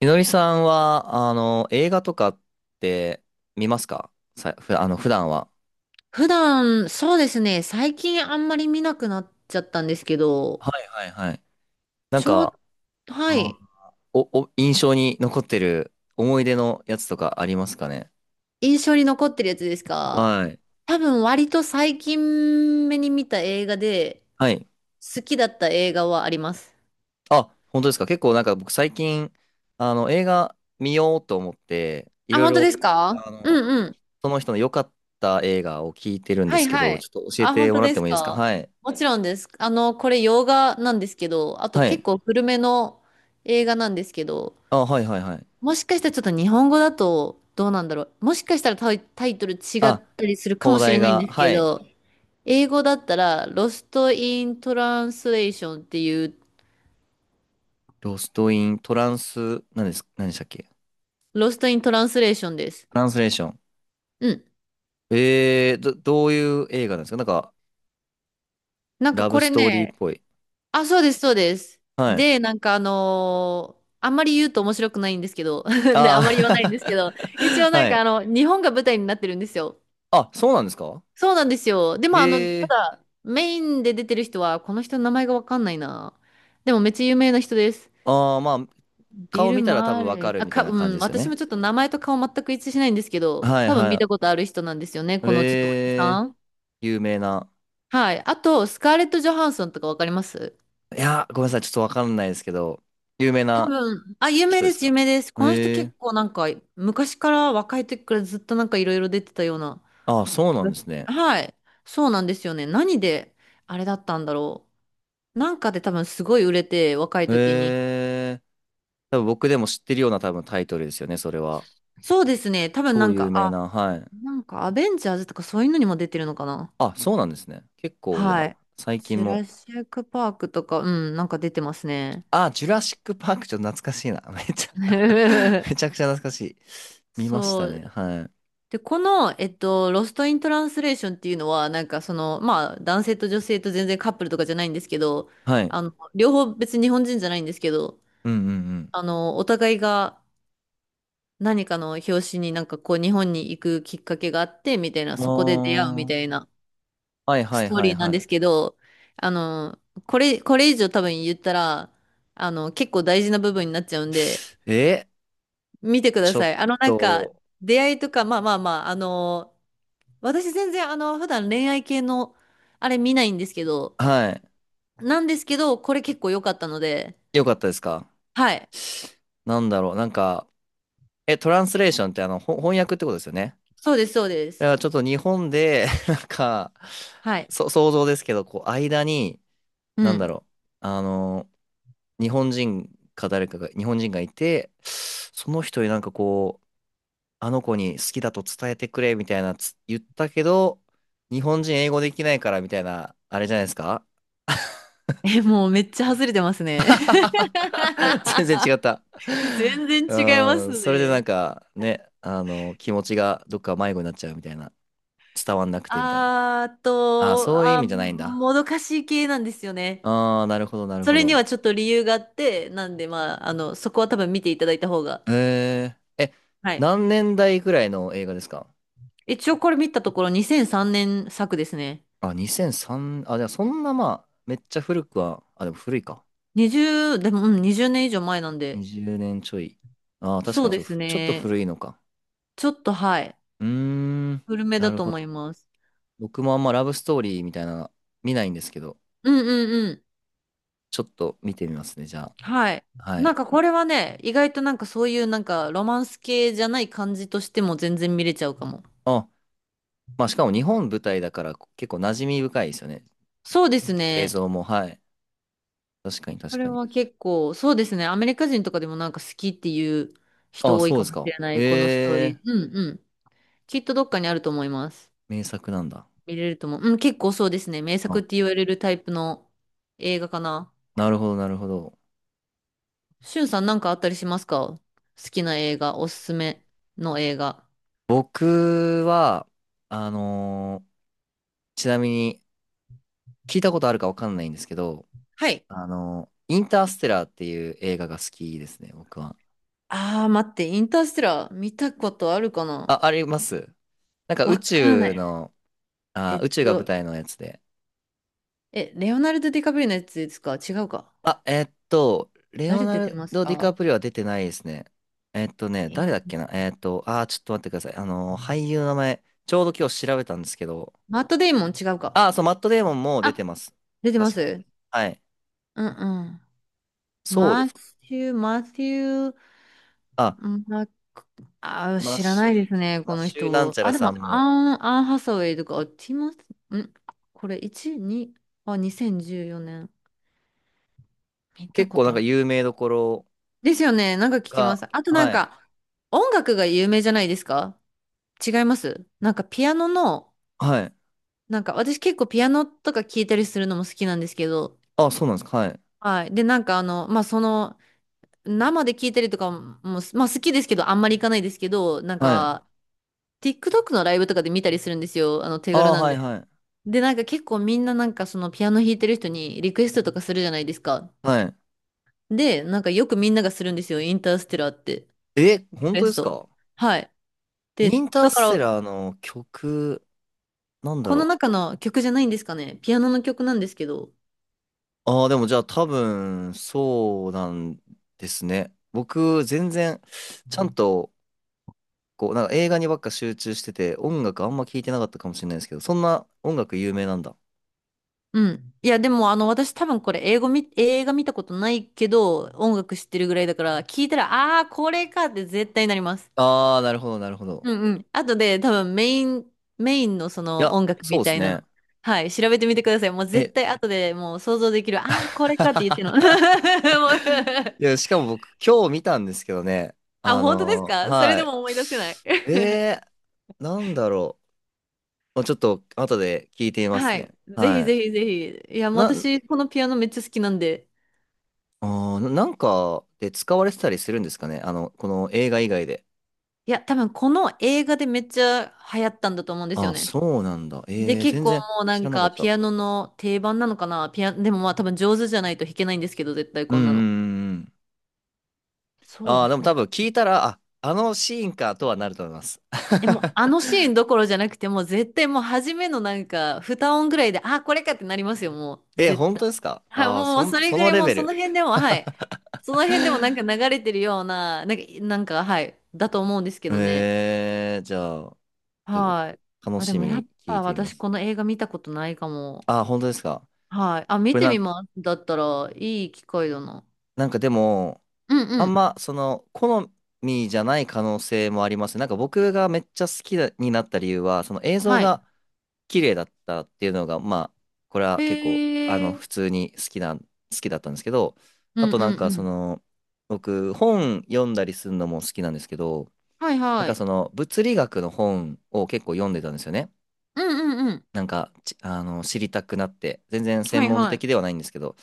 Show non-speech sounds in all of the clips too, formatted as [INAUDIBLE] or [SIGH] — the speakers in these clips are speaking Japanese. みのりさんは、映画とかって見ますかさ、ふ、あの、普段は？普段、そうですね、最近あんまり見なくなっちゃったんですけど、はいはいはい。なんちょう、か、はあい、お、お、印象に残ってる思い出のやつとかありますかね？印象に残ってるやつですか？はい。多分割と最近目に見た映画で、はい。好きだった映画はあります。あ、本当ですか？結構なんか僕最近、映画見ようと思って、いあ、ろい本当でろ、すか？あうの、んうん。その人の良かった映画を聞いてるんではいすけはど、ちい。ょっと教えあ、本ても当らっでてすもいいですか？か？はい。もちろんです。あの、これ洋画なんですけど、あとはい。結構古めの映画なんですけど、あ、はいはいはい。もしかしたらちょっと日本語だとどうなんだろう。もしかしたらタイトル違っあ、たりするかも放しれ題ないんが、ですけはい。ど、英語だったら、ロスト・イン・トランスレーションっていう、ロストイン、トランス、何でしたっけ？トロスト・イン・トランスレーションです。ランスレーション。うん。どういう映画なんですか？なんか、なんかラブこスれトーリーっね、ぽい。あ、そうです、そうです。はい。で、なんかあんまり言うと面白くないんですけど、[LAUGHS] で、あんまり言わないんですあけど、一応あ [LAUGHS] なんはかい。日本が舞台になってるんですよ。あ、そうなんですか？そうなんですよ。でも、たええだ、メインで出てる人は、この人の名前がわかんないな。でも、めっちゃ有名な人です。ー、ああ、まあ、ビ顔ル・見たら多マ分ーレわかー。るみたいなう感じん、ですよ私もね。ちょっと名前と顔全く一致しないんですけど、はい多分見はたことある人なんですよね、い。このちょっとおじええさー、ん。有名な。はい。あと、スカーレット・ジョハンソンとかわかります？いや、ごめんなさい、ちょっとわかんないですけど、有名多な分、あ、有名人でですす、有か？名です。この人ええー、結構なんか、昔から若い時からずっとなんかいろいろ出てたような。ああ、そうなんですね。はい。そうなんですよね。何で、あれだったんだろう。なんかで多分すごい売れて、若い時に。ええー、多分僕でも知ってるような多分タイトルですよね、それは。そうですね。多分な超ん有か、名あ、な、はい。なんかアベンジャーズとかそういうのにも出てるのかな。あ、そうなんですね。結構じゃはあ、い。最ジ近ュも。ラシックパークとか、うん、なんか出てますね。あ、ジュラシック・パークちょっと懐かしいな。[LAUGHS] めちゃ [LAUGHS] めち [LAUGHS] ゃくちゃ懐かしい。見ましそたね。う。はい。で、この、えっと、ロストイントランスレーションっていうのは、なんかその、まあ、男性と女性と全然カップルとかじゃないんですけど、はい。両方別に日本人じゃないんですけど、うんうんお互いが何かの表紙になんかこう日本に行くきっかけがあってみたいな、うそこで出会うみん。たいあなあ。はいスはいトーはいリーなはんでい。すけど、あの、これ以上多分言ったら、結構大事な部分になっちゃうんで、え、見てくだちょさっい。なんか、と、出会いとか、まあまあまあ、私全然普段恋愛系のあれ見ないんですけど、はい。これ結構良かったので、よかったですか？はい。なんだろう。なんか、トランスレーションって翻訳ってことですよね。そうです、そうでだかす。らちょっと日本で、[LAUGHS] なんか、はい。想像ですけど、こう、間に、うなんだん。ろう、あの、日本人か誰かが、日本人がいて、その人になんかこう、あの子に好きだと伝えてくれみたいな言ったけど、日本人英語できないからみたいな、あれじゃないですか？ え、もうめっちゃ外れてますね。[LAUGHS] 全然違っ [LAUGHS] た。[LAUGHS] 全然違いまうん、すそれでなんね。かね、気持ちがどっか迷子になっちゃうみたいな、伝わんなくてみたいな。あーあ、と、そういう意あー、味じゃないんだ。もどかしい系なんですよね。ああ、なるほど、なるそほれにど。はちょっと理由があって、なんで、まあ、そこは多分見ていただいた方が。えー、え、はい。何年代ぐらいの映画ですか？一応これ見たところ2003年作ですね。あ、2003、あ、じゃあそんなまあ、めっちゃ古くは、あ、でも古いか。20、でも、年以上前なんで。20年ちょい。ああ、確かそうにですちょっとね。古いのか。ちょっと、はい。うーん、古めなだるとほ思いど。ます。僕もあんまラブストーリーみたいなの見ないんですけど、うんうんうん。ちょっと見てみますね、じゃはい。あ。はなんい。かこれはね、意外となんかそういうなんかロマンス系じゃない感じとしても全然見れちゃうかも。あ、まあしかも日本舞台だから結構馴染み深いですよね。そうです映ね。像も、はい。確かにこ確かれに。は結構、そうですね。アメリカ人とかでもなんか好きっていう人あ、多いそうでかすもしか？れなえい、このストーリー。え、うんうん。きっとどっかにあると思います。名作なんだ。見れると思う。うん、結構そうですね。名あ、作って言われるタイプの映画かな。なるほど、なるほど。しゅんさんなんかあったりしますか？好きな映画、おすすめの映画。僕は、あのーちなみに、聞いたことあるかわかんないんですけど、はい。インターステラーっていう映画が好きですね、僕は。あー、待って、インターステラー見たことあるかな？あ、あります？なんか宇わからな宙い。の、えあ、っ宇宙が舞と、台のやつで。レオナルド・ディカプリオのやつですか？違うか？あ、レオ誰ナ出てルますド・ディカか？プリオは出てないですね。え誰だっけーな。ちょっと待ってください。俳優の名前、ちょうど今日調べたんですけど、マット・デイモン違うか？あー、そう、マット・デーモンも出てあ、ます。出てま確か。す？はい。うんうん。そうです。マシュー、あ、うんまあ、マッ知らシなュ、いですね、マこッのシュなん人。ちゃあ、らでさも、んも、アンハサウェイとか、あティモス、んこれ、1、2、あ、2014年。見た結こ構なとんあかる。有名どころ、ですよね、なんか聞きまが、す。あとなんはい。か、音楽が有名じゃないですか？違います？なんかピアノの、はい。なんか私結構ピアノとか聴いたりするのも好きなんですけど、あ、そうなんですか。はい。はい。で、なんかまあ、生で聞いたりとかも、まあ好きですけど、あんまり行かないですけど、なんはい。か、TikTok のライブとかで見たりするんですよ。手あ軽あ、なんはい、で。はい。で、なんか結構みんななんかそのピアノ弾いてる人にリクエストとかするじゃないですか。はい。で、なんかよくみんながするんですよ。インターステラーって。え、リ本ク当エでスすト。か？はい。イで、ンターだかスら、テラーの曲、なんだこのろ中の曲じゃないんですかね。ピアノの曲なんですけど。う。ああ、でもじゃあ多分、そうなんですね。僕、全然、ちゃんと、こう、なんか映画にばっか集中してて、音楽あんま聞いてなかったかもしれないですけど、そんな音楽有名なんだ。うん。いや、でも、私多分これ、英語み、映画見たことないけど、音楽知ってるぐらいだから、聞いたら、あー、これかって絶対なります。ああ、なるほど、なるほど。うんうん。あとで多分メインのそいのや、音楽そうみでたすいなね。の。はい、調べてみてください。もう絶え、対後でもう想像できる。ああ、これかって言ってるの。[LAUGHS] もう、 [LAUGHS] いや、しかも僕、今日見たんですけどね。あ、本当ですか？それはでい。も思い出せない。なんだろう。まあちょっと、後で聞いてみ [LAUGHS] ますはい。ね。ぜひはい。ぜひぜひ。いや、もうな、私、このピアノめっちゃ好きなんで。あー、なんかで使われてたりするんですかね？この映画以外で。いや、多分この映画でめっちゃ流行ったんだと思うんですよあ、ね。そうなんだ。で、結全構然もうな知んらなかかっピた。アノの定番なのかな。でもまあ多分上手じゃないと弾けないんですけど、絶対うんこうんなの。んうんうん。そうあでー、ですも多ね。分聞いたら、あ、あのシーンかとはなると思います。え、もうあ [LAUGHS] のシーンどころじゃなくて、もう絶対もう初めのなんか、二音ぐらいで、あ、これかってなりますよ、もう。え、絶本当対。ですか？はい、ああー、もうそれそぐのらいレもうベそル。の辺でも、はい。その辺でもなんか流れてるような、なんか、はい。だと思うんですけどね。じゃあ。ちょっはい。と楽あ、でしもみやっに聞いぱてみま私す。この映画見たことないかも。あー、本当ですか。はい。あ、こ見れてなみん、ます。だったらいい機会だな。なんかでも、うんうあんん。まその好みじゃない可能性もありますね。なんか僕がめっちゃ好きだになった理由は、その映像はい。が綺麗だったっていうのが、まあ、これは結構、へえ。普通に好きだったんですけど、うあんうとんなんうかん。僕、本読んだりするのも好きなんですけど、はいなんはかい。その物理学の本を結構読んでたんですよね。うんうんうん。なんか、ちあの、知りたくなって、全然は専い門はい。的ではないんですけど、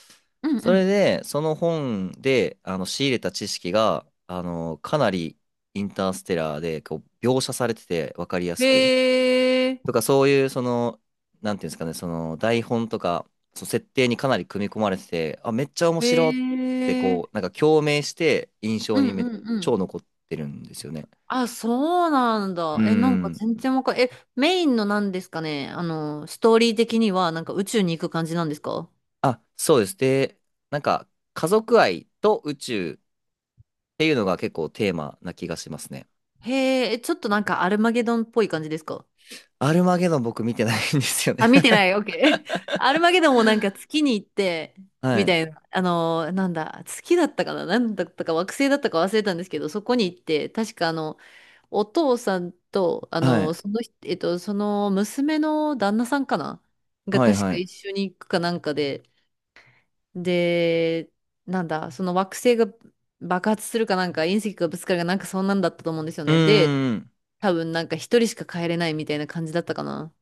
うんそうれん。で、その本で、仕入れた知識が、かなりインターステラーで、こう、描写されてて、わかりやすく。へえ、とか、そういう、なんていうんですかね、その、台本とか、その設定にかなり組み込まれてて、あ、めっちゃ面白っへて、こう、え。なんか共鳴して、印う象んにうんうん。超残ってるんですよね。あ、そうなんうーだ。え、なんかん。全然わかんえ、メインのなんですかね。ストーリー的にはなんか宇宙に行く感じなんですか？あ、そうです。で、なんか、家族愛と宇宙、っていうのが結構テーマな気がしますね。へえ、ちょっとなんかアルマゲドンっぽい感じですか？アルマゲドン僕見てないんですよあ、ね 見てない。オッケー。[LAUGHS] アルマゲドンもなんか月に行って、[LAUGHS] はみい。たいな。なんだ、月だったかな？なんだったか惑星だったか忘れたんですけど、そこに行って、確かお父さんと、はい。その人、えっと、その娘の旦那さんかな？がはい、確はか一い。緒に行くかなんかで、で、なんだ、その惑星が爆発するかなんか、隕石がぶつかるかなんかそんなんだったと思うんですようね。で、ーん。多分なんか一人しか帰れないみたいな感じだったかな。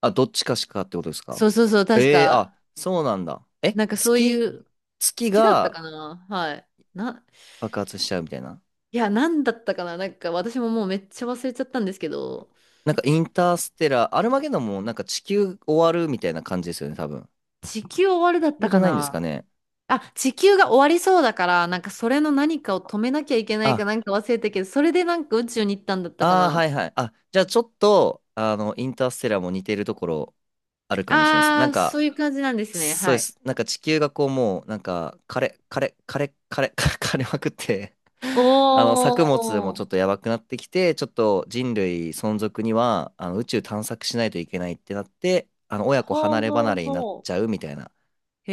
あ、どっちかしかってことですそか？うそうそう、確ええー、あ、か、そうなんだ。え、なんかそういう、月月だったがかな？はい。な、爆発しちゃうみたいな。いや、なんだったかな？なんか私ももうめっちゃ忘れちゃったんですけど、なんかインターステラー、アルマゲドンもなんか地球終わるみたいな感じですよね、多分。地球終わるだ地っ球たじゃかないんですかな？ね？あ、地球が終わりそうだから、なんかそれの何かを止めなきゃいけないあ、かなんか忘れたけど、それでなんか宇宙に行ったんだったかああ、な。はいはい。あ、じゃあちょっと、インターステラーも似てるところあるかもしれないです。なあんあ、そか、ういう感じなんですね。そうはでい。す。なんか地球がこうもう、なんか枯れ、枯れ、枯れ、枯れ、[LAUGHS] 枯れまくって お [LAUGHS] 作物もちー。ょっとやばくなってきて、ちょっと人類存続には、宇宙探索しないといけないってなって、親子ほ離うれほ離うれになっほちゃうみたいなう。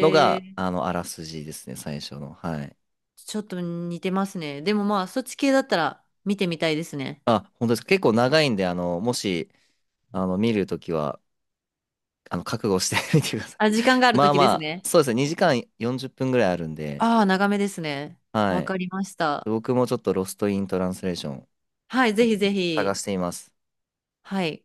のが、え。あらすじですね、最初の。はい。ちょっと似てますね。でもまあ、そっち系だったら見てみたいですね。あ、本当ですか。結構長いんで、もし、見るときは、覚悟して [LAUGHS] みてください。あ、時間が [LAUGHS] あるまあ時でますあ、ね。そうですね、2時間40分ぐらいあるんで、ああ、長めですね。はわい。かりました。僕もちょっとロストイントランスレーションはい、ぜひぜ探ひ。しています。はい。